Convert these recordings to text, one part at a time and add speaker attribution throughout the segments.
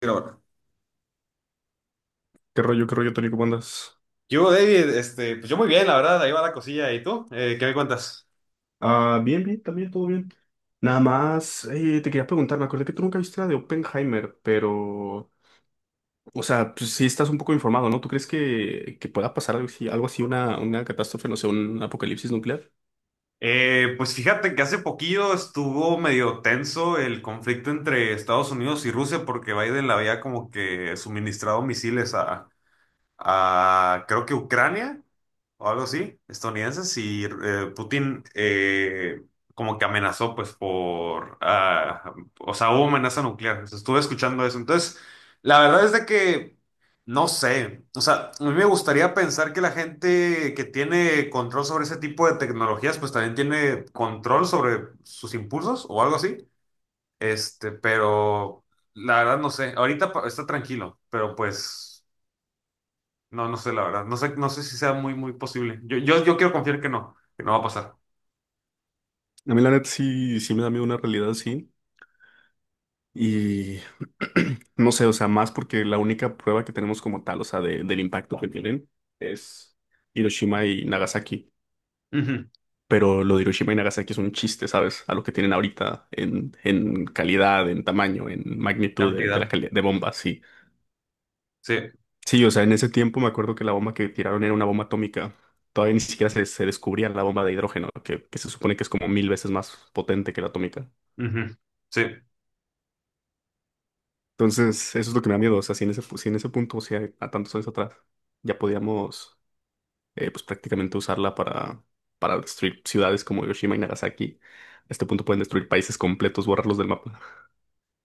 Speaker 1: Grabando.
Speaker 2: Qué rollo, Tony? ¿Cómo andas?
Speaker 1: Yo, David, pues yo muy bien, la verdad, ahí va la cosilla. ¿Y tú? ¿Qué me cuentas?
Speaker 2: Ah, bien, bien, también, todo bien. Nada más, te quería preguntar, me acordé que tú nunca viste la de Oppenheimer, pero, o sea, pues sí estás un poco informado, ¿no? ¿Tú crees que pueda pasar algo así, una catástrofe, no sé, un apocalipsis nuclear?
Speaker 1: Pues fíjate que hace poquillo estuvo medio tenso el conflicto entre Estados Unidos y Rusia porque Biden le había como que suministrado misiles a creo que Ucrania o algo así, estadounidenses, y Putin como que amenazó, pues, o sea, hubo amenaza nuclear. O sea, estuve escuchando eso. Entonces, la verdad es de que, no sé, o sea, a mí me gustaría pensar que la gente que tiene control sobre ese tipo de tecnologías, pues también tiene control sobre sus impulsos o algo así. Pero la verdad no sé, ahorita está tranquilo, pero pues... No, no sé, la verdad. No sé, no sé si sea muy, muy posible. Yo quiero confiar que no va a pasar.
Speaker 2: A mí la neta sí, sí me da miedo una realidad así, y no sé, o sea, más porque la única prueba que tenemos como tal, o sea, del impacto que tienen es Hiroshima y Nagasaki.
Speaker 1: Ujú.
Speaker 2: Pero lo de Hiroshima y Nagasaki es un chiste, ¿sabes? A lo que tienen ahorita en calidad, en tamaño, en magnitud de la
Speaker 1: Cantidad.
Speaker 2: calidad de bombas, sí.
Speaker 1: Sí.
Speaker 2: Sí, o sea, en ese tiempo me acuerdo que la bomba que tiraron era una bomba atómica. Todavía ni siquiera se descubría la bomba de hidrógeno, que se supone que es como mil veces más potente que la atómica.
Speaker 1: Ujú. Sí.
Speaker 2: Entonces, eso es lo que me da miedo. O sea, si en ese, si en ese punto, o sea, a tantos años atrás, ya podíamos, pues prácticamente usarla para destruir ciudades como Hiroshima y Nagasaki. A este punto pueden destruir países completos, borrarlos del mapa.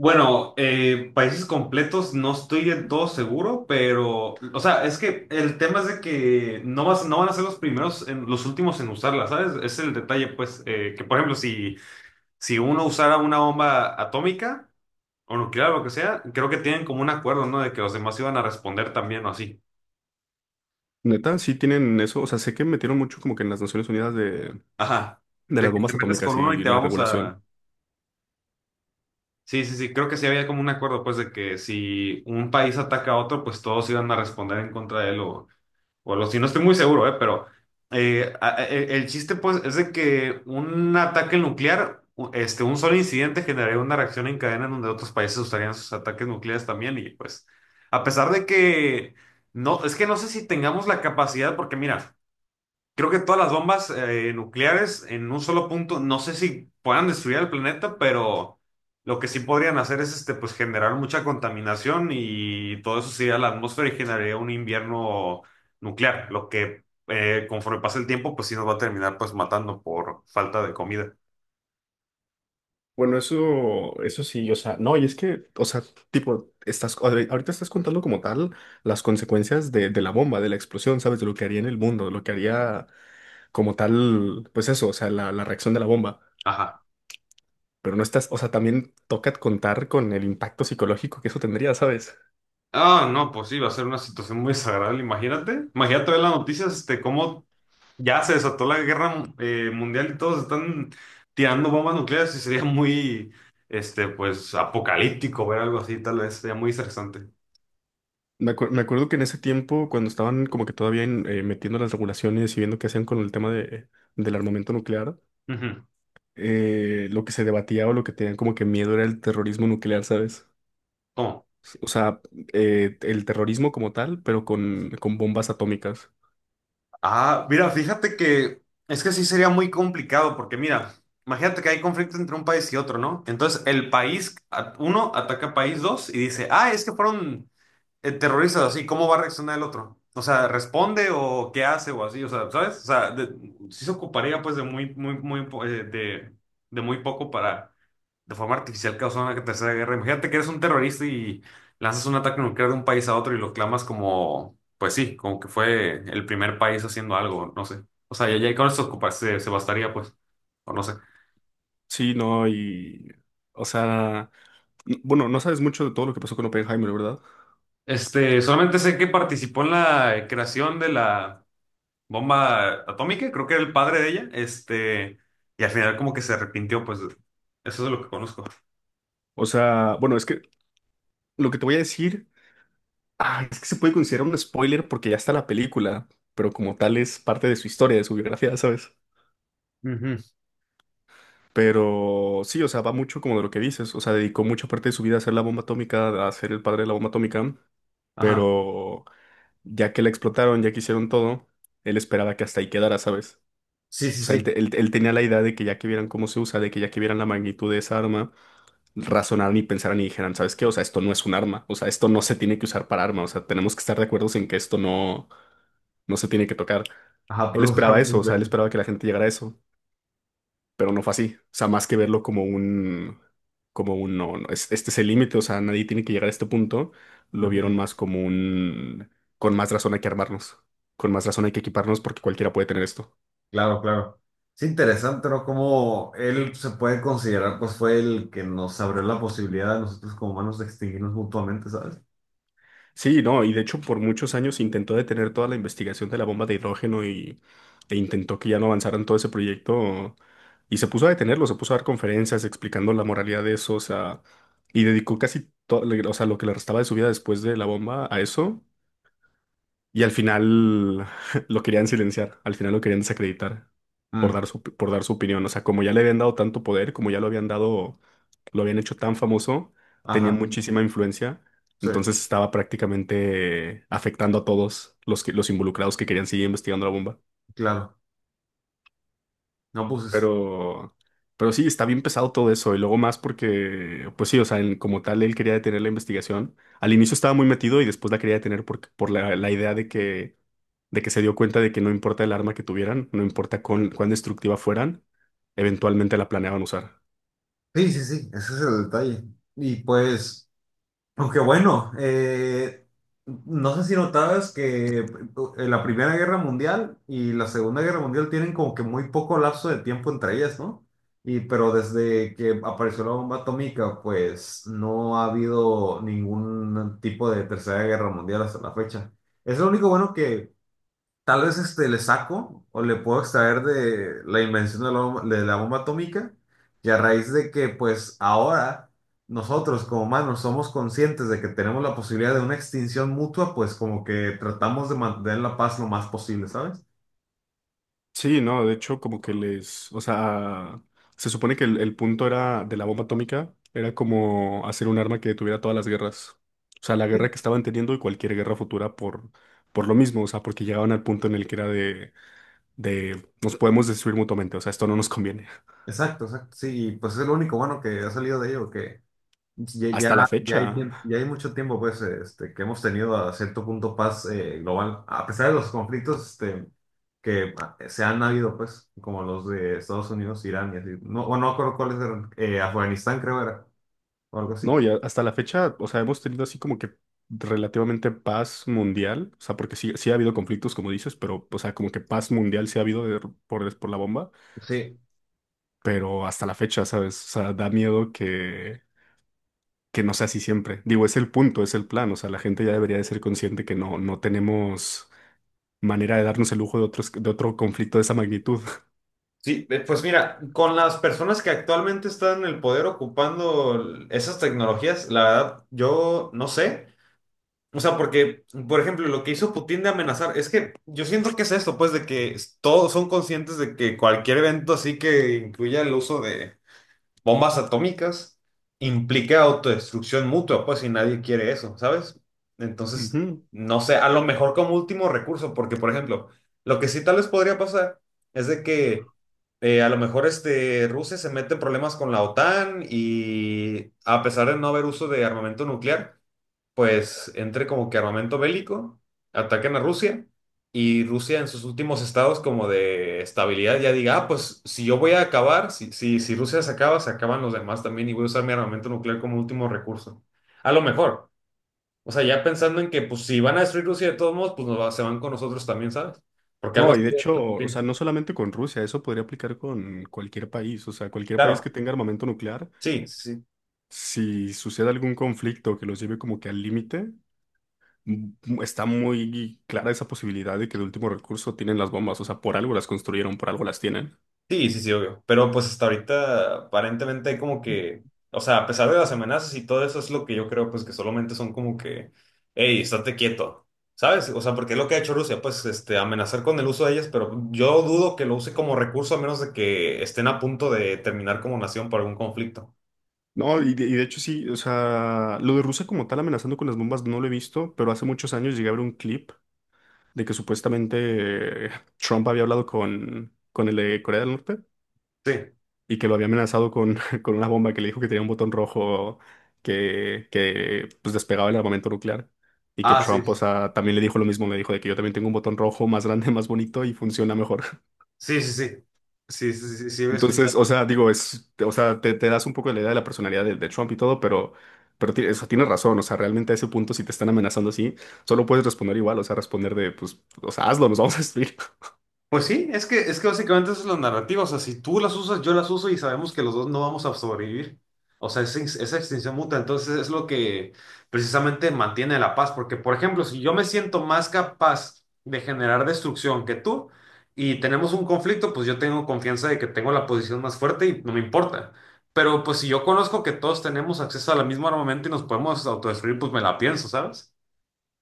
Speaker 1: Bueno, países completos no estoy del todo seguro, pero, o sea, es que el tema es de que no van a ser los primeros, en, los últimos en usarla, ¿sabes? Ese es el detalle, pues, que por ejemplo, si uno usara una bomba atómica o nuclear o lo que sea, creo que tienen como un acuerdo, ¿no? De que los demás iban a responder también o así.
Speaker 2: Neta, sí tienen eso. O sea, sé que metieron mucho como que en las Naciones Unidas
Speaker 1: Ajá,
Speaker 2: de las
Speaker 1: de que te
Speaker 2: bombas
Speaker 1: metes
Speaker 2: atómicas
Speaker 1: con uno y
Speaker 2: y
Speaker 1: te
Speaker 2: la
Speaker 1: vamos
Speaker 2: regulación.
Speaker 1: a... Sí, sí, sí, creo que sí había como un acuerdo, pues, de que si un país ataca a otro, pues todos iban a responder en contra de él o algo así. No estoy muy seguro, ¿eh? Pero el chiste, pues, es de que un ataque nuclear, un solo incidente generaría una reacción en cadena en donde otros países usarían sus ataques nucleares también y, pues, a pesar de que... No, es que no sé si tengamos la capacidad, porque mira... Creo que todas las bombas nucleares en un solo punto, no sé si puedan destruir el planeta, pero lo que sí podrían hacer es pues generar mucha contaminación y todo eso se iría a la atmósfera y generaría un invierno nuclear, lo que conforme pasa el tiempo, pues sí nos va a terminar pues matando por falta de comida.
Speaker 2: Bueno, eso sí, o sea, no, y es que, o sea, tipo, estás, ahorita estás contando como tal las consecuencias de la bomba, de la explosión, ¿sabes? De lo que haría en el mundo, de lo que haría como tal, pues eso, o sea, la reacción de la bomba.
Speaker 1: Ajá.
Speaker 2: Pero no estás, o sea, también toca contar con el impacto psicológico que eso tendría, ¿sabes?
Speaker 1: Ah, no, pues sí, va a ser una situación muy desagradable, imagínate. Imagínate ver las noticias, cómo ya se desató la guerra mundial y todos están tirando bombas nucleares y sería muy, pues, apocalíptico ver algo así, tal vez, sería muy interesante.
Speaker 2: Me acuerdo que en ese tiempo, cuando estaban como que todavía metiendo las regulaciones y viendo qué hacían con el tema de, del armamento nuclear,
Speaker 1: Ujú.
Speaker 2: lo que se debatía o lo que tenían como que miedo era el terrorismo nuclear, ¿sabes?
Speaker 1: ¿Cómo?
Speaker 2: O sea, el terrorismo como tal, pero con bombas atómicas.
Speaker 1: Ah, mira, fíjate que es que sí sería muy complicado porque mira, imagínate que hay conflicto entre un país y otro, ¿no? Entonces uno, ataca a país dos y dice, ah, es que fueron terrorizas así, ¿cómo va a reaccionar el otro? O sea, ¿responde o qué hace o así? O sea, ¿sabes? Sí se ocuparía pues de muy, muy, muy, de muy poco para de forma artificial causar una tercera guerra. Imagínate que eres un terrorista y lanzas un ataque nuclear de un país a otro y lo clamas como, pues sí, como que fue el primer país haciendo algo, no sé. O sea, ya, ya con eso se bastaría pues, o no sé.
Speaker 2: Sí, no, y... O sea, bueno, no sabes mucho de todo lo que pasó con Oppenheimer, ¿verdad?
Speaker 1: Solamente sé que participó en la creación de la bomba atómica, creo que era el padre de ella, y al final como que se arrepintió, pues eso es lo que conozco.
Speaker 2: O sea, bueno, es que lo que te voy a decir. Ah, es que se puede considerar un spoiler porque ya está la película, pero como tal es parte de su historia, de su biografía, ¿sabes?
Speaker 1: Ujú.
Speaker 2: Pero sí, o sea, va mucho como de lo que dices, o sea, dedicó mucha parte de su vida a hacer la bomba atómica, a ser el padre de la bomba atómica,
Speaker 1: Ajá.
Speaker 2: pero ya que la explotaron, ya que hicieron todo, él esperaba que hasta ahí quedara, ¿sabes?
Speaker 1: Sí, sí,
Speaker 2: O sea, él,
Speaker 1: sí.
Speaker 2: él tenía la idea de que ya que vieran cómo se usa, de que ya que vieran la magnitud de esa arma. Razonaran y pensaran y dijeran, ¿sabes qué? O sea, esto no es un arma, o sea, esto no se tiene que usar para arma, o sea, tenemos que estar de acuerdo en que esto no, no se tiene que tocar.
Speaker 1: Ajá,
Speaker 2: Él
Speaker 1: pues lo
Speaker 2: esperaba
Speaker 1: buscaron
Speaker 2: eso,
Speaker 1: dos
Speaker 2: o sea, él
Speaker 1: veces.
Speaker 2: esperaba que la gente llegara a eso, pero no fue así. O sea, más que verlo como un, no, no, este es el límite, o sea, nadie tiene que llegar a este punto, lo vieron
Speaker 1: Ujú.
Speaker 2: más como un, con más razón hay que armarnos, con más razón hay que equiparnos porque cualquiera puede tener esto.
Speaker 1: Claro, claro. Es interesante, ¿no? Cómo él se puede considerar, pues fue el que nos abrió la posibilidad a nosotros como humanos de extinguirnos mutuamente, ¿sabes?
Speaker 2: Sí, no, y de hecho por muchos años intentó detener toda la investigación de la bomba de hidrógeno y, e intentó que ya no avanzaran todo ese proyecto y se puso a detenerlo, se puso a dar conferencias explicando la moralidad de eso, o sea, y dedicó casi todo, o sea, lo que le restaba de su vida después de la bomba a eso y al final lo querían silenciar, al final lo querían desacreditar
Speaker 1: Mm.
Speaker 2: por dar su opinión. O sea, como ya le habían dado tanto poder, como ya lo habían dado, lo habían hecho tan famoso, tenía
Speaker 1: Ajá,
Speaker 2: muchísima influencia.
Speaker 1: sí,
Speaker 2: Entonces estaba prácticamente afectando a todos los, que, los involucrados que querían seguir investigando la bomba.
Speaker 1: claro. No, pues es-
Speaker 2: Pero, pero sí, está bien pesado todo eso. Y luego más porque, pues sí, o sea, como tal, él quería detener la investigación. Al inicio estaba muy metido y después la quería detener por la, la idea de que se dio cuenta de que no importa el arma que tuvieran, no importa cuán, cuán destructiva fueran, eventualmente la planeaban usar.
Speaker 1: sí, sí, sí, ese es el detalle. Y pues. Aunque bueno, no sé si notabas que la Primera Guerra Mundial y la Segunda Guerra Mundial tienen como que muy poco lapso de tiempo entre ellas, ¿no? Y pero desde que apareció la bomba atómica, pues no ha habido ningún tipo de Tercera Guerra Mundial hasta la fecha. Es lo único bueno que tal vez le saco o le puedo extraer de la invención de la bomba atómica y a raíz de que pues ahora nosotros como humanos somos conscientes de que tenemos la posibilidad de una extinción mutua, pues como que tratamos de mantener la paz lo más posible, ¿sabes?
Speaker 2: Sí, no, de hecho, como que les, o sea, se supone que el punto era de la bomba atómica, era como hacer un arma que detuviera todas las guerras. O sea, la guerra
Speaker 1: Sí.
Speaker 2: que estaban teniendo y cualquier guerra futura por lo mismo, o sea, porque llegaban al punto en el que era de nos podemos destruir mutuamente, o sea, esto no nos conviene.
Speaker 1: Exacto, exacto. Sí, y, pues es lo único bueno que ha salido de ello, que ya, ya,
Speaker 2: Hasta la
Speaker 1: ya hay,
Speaker 2: fecha,
Speaker 1: ya hay mucho tiempo pues, que hemos tenido a cierto punto paz global, a pesar de los conflictos este, que se han habido, pues, como los de Estados Unidos, Irán y así. No, o no acuerdo cuáles eran, Afganistán creo era, o algo así.
Speaker 2: no, y hasta la fecha, o sea, hemos tenido así como que relativamente paz mundial, o sea, porque sí, sí ha habido conflictos, como dices, pero, o sea, como que paz mundial sí ha habido por la bomba.
Speaker 1: Sí,
Speaker 2: Pero hasta la fecha, ¿sabes? O sea, da miedo que no sea así siempre. Digo, es el punto, es el plan, o sea, la gente ya debería de ser consciente que no, no tenemos manera de darnos el lujo de otros, de otro conflicto de esa magnitud.
Speaker 1: sí, pues mira, con las personas que actualmente están en el poder ocupando esas tecnologías, la verdad, yo no sé. O sea, porque, por ejemplo, lo que hizo Putin de amenazar, es que yo siento que es esto, pues, de que todos son conscientes de que cualquier evento así que incluya el uso de bombas atómicas implica autodestrucción mutua, pues, y nadie quiere eso, ¿sabes? Entonces,
Speaker 2: Ujú.
Speaker 1: no sé, a lo mejor como último recurso, porque, por ejemplo, lo que sí tal vez podría pasar es de que a lo mejor Rusia se mete en problemas con la OTAN y a pesar de no haber uso de armamento nuclear, pues entre como que armamento bélico, ataquen a Rusia y Rusia en sus últimos estados como de estabilidad ya diga, ah, pues si yo voy a acabar, si Rusia se acaba, se acaban los demás también y voy a usar mi armamento nuclear como último recurso. A lo mejor. O sea, ya pensando en que pues si van a destruir Rusia de todos modos, pues se van con nosotros también, ¿sabes? Porque algo
Speaker 2: No, y
Speaker 1: así
Speaker 2: de
Speaker 1: de
Speaker 2: hecho,
Speaker 1: hecho
Speaker 2: o sea,
Speaker 1: Putin.
Speaker 2: no solamente con Rusia, eso podría aplicar con cualquier país, o sea, cualquier país que
Speaker 1: Claro,
Speaker 2: tenga armamento nuclear,
Speaker 1: sí, sí, sí.
Speaker 2: si sucede algún conflicto que los lleve como que al límite, m- está muy clara esa posibilidad de que de último recurso tienen las bombas, o sea, por algo las construyeron, por algo las tienen.
Speaker 1: Sí, sí, sí, obvio. Pero pues hasta ahorita aparentemente hay como que, o sea, a pesar de las amenazas y todo eso, es lo que yo creo, pues que solamente son como que, hey, estate quieto, ¿sabes? O sea, porque es lo que ha hecho Rusia, pues amenazar con el uso de ellas, pero yo dudo que lo use como recurso a menos de que estén a punto de terminar como nación por algún conflicto.
Speaker 2: No, y de hecho sí, o sea, lo de Rusia como tal amenazando con las bombas no lo he visto, pero hace muchos años llegué a ver un clip de que supuestamente Trump había hablado con el de Corea del Norte
Speaker 1: Sí.
Speaker 2: y que lo había amenazado con, con una bomba que le dijo que tenía un botón rojo que pues despegaba el armamento nuclear y que
Speaker 1: Ah, sí.
Speaker 2: Trump, o sea, también le dijo lo mismo, le dijo de que yo también tengo un botón rojo más grande, más bonito y funciona mejor.
Speaker 1: Sí, sí, sí. Sí, sí, sí, sí, sí,
Speaker 2: Entonces,
Speaker 1: escuchado.
Speaker 2: o sea, digo, es, o sea, te das un poco la idea de la personalidad de Trump y todo, pero, o tienes razón, o sea, realmente a ese punto, si te están amenazando así, solo puedes responder igual, o sea, responder de, pues, o sea, hazlo, nos vamos a destruir.
Speaker 1: Pues sí, es que básicamente esa es la narrativa. O sea, si tú las usas, yo las uso y sabemos que los dos no vamos a sobrevivir. O sea, esa extinción mutua. Entonces es lo que precisamente mantiene la paz. Porque, por ejemplo, si yo me siento más capaz de generar destrucción que tú y tenemos un conflicto, pues yo tengo confianza de que tengo la posición más fuerte y no me importa. Pero pues si yo conozco que todos tenemos acceso a la misma armamento y nos podemos autodestruir, pues me la pienso, ¿sabes?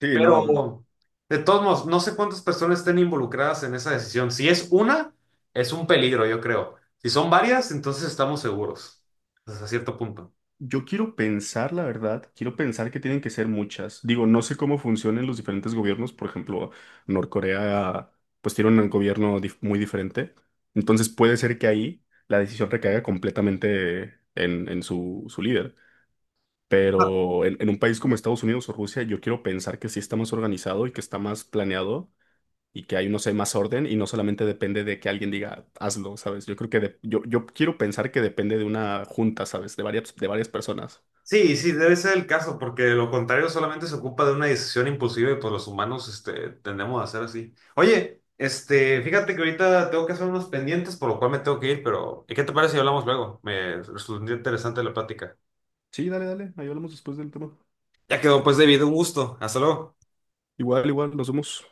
Speaker 2: Sí, no,
Speaker 1: Pero, de todos modos, no sé cuántas personas estén involucradas en esa decisión. Si es una, es un peligro, yo creo. Si son varias, entonces estamos seguros, hasta cierto punto.
Speaker 2: yo quiero pensar, la verdad, quiero pensar que tienen que ser muchas. Digo, no sé cómo funcionan los diferentes gobiernos, por ejemplo, Norcorea, pues tiene un gobierno muy diferente, entonces puede ser que ahí la decisión recaiga completamente en su, su líder.
Speaker 1: Ah,
Speaker 2: Pero en un país como Estados Unidos o Rusia, yo quiero pensar que sí está más organizado y que está más planeado y que hay, no sé, más orden y no solamente depende de que alguien diga, hazlo, ¿sabes? Yo creo que yo, yo quiero pensar que depende de una junta, ¿sabes? De varias personas.
Speaker 1: sí, sí, debe ser el caso, porque de lo contrario solamente se ocupa de una decisión impulsiva y pues los humanos, tendemos a hacer así. Oye, fíjate que ahorita tengo que hacer unos pendientes, por lo cual me tengo que ir, pero ¿qué te parece si hablamos luego? Me resultó interesante la plática.
Speaker 2: Sí, dale, dale, ahí hablamos después del tema.
Speaker 1: Ya quedó, pues, David, un gusto. Hasta luego.
Speaker 2: Igual, igual, nos vemos.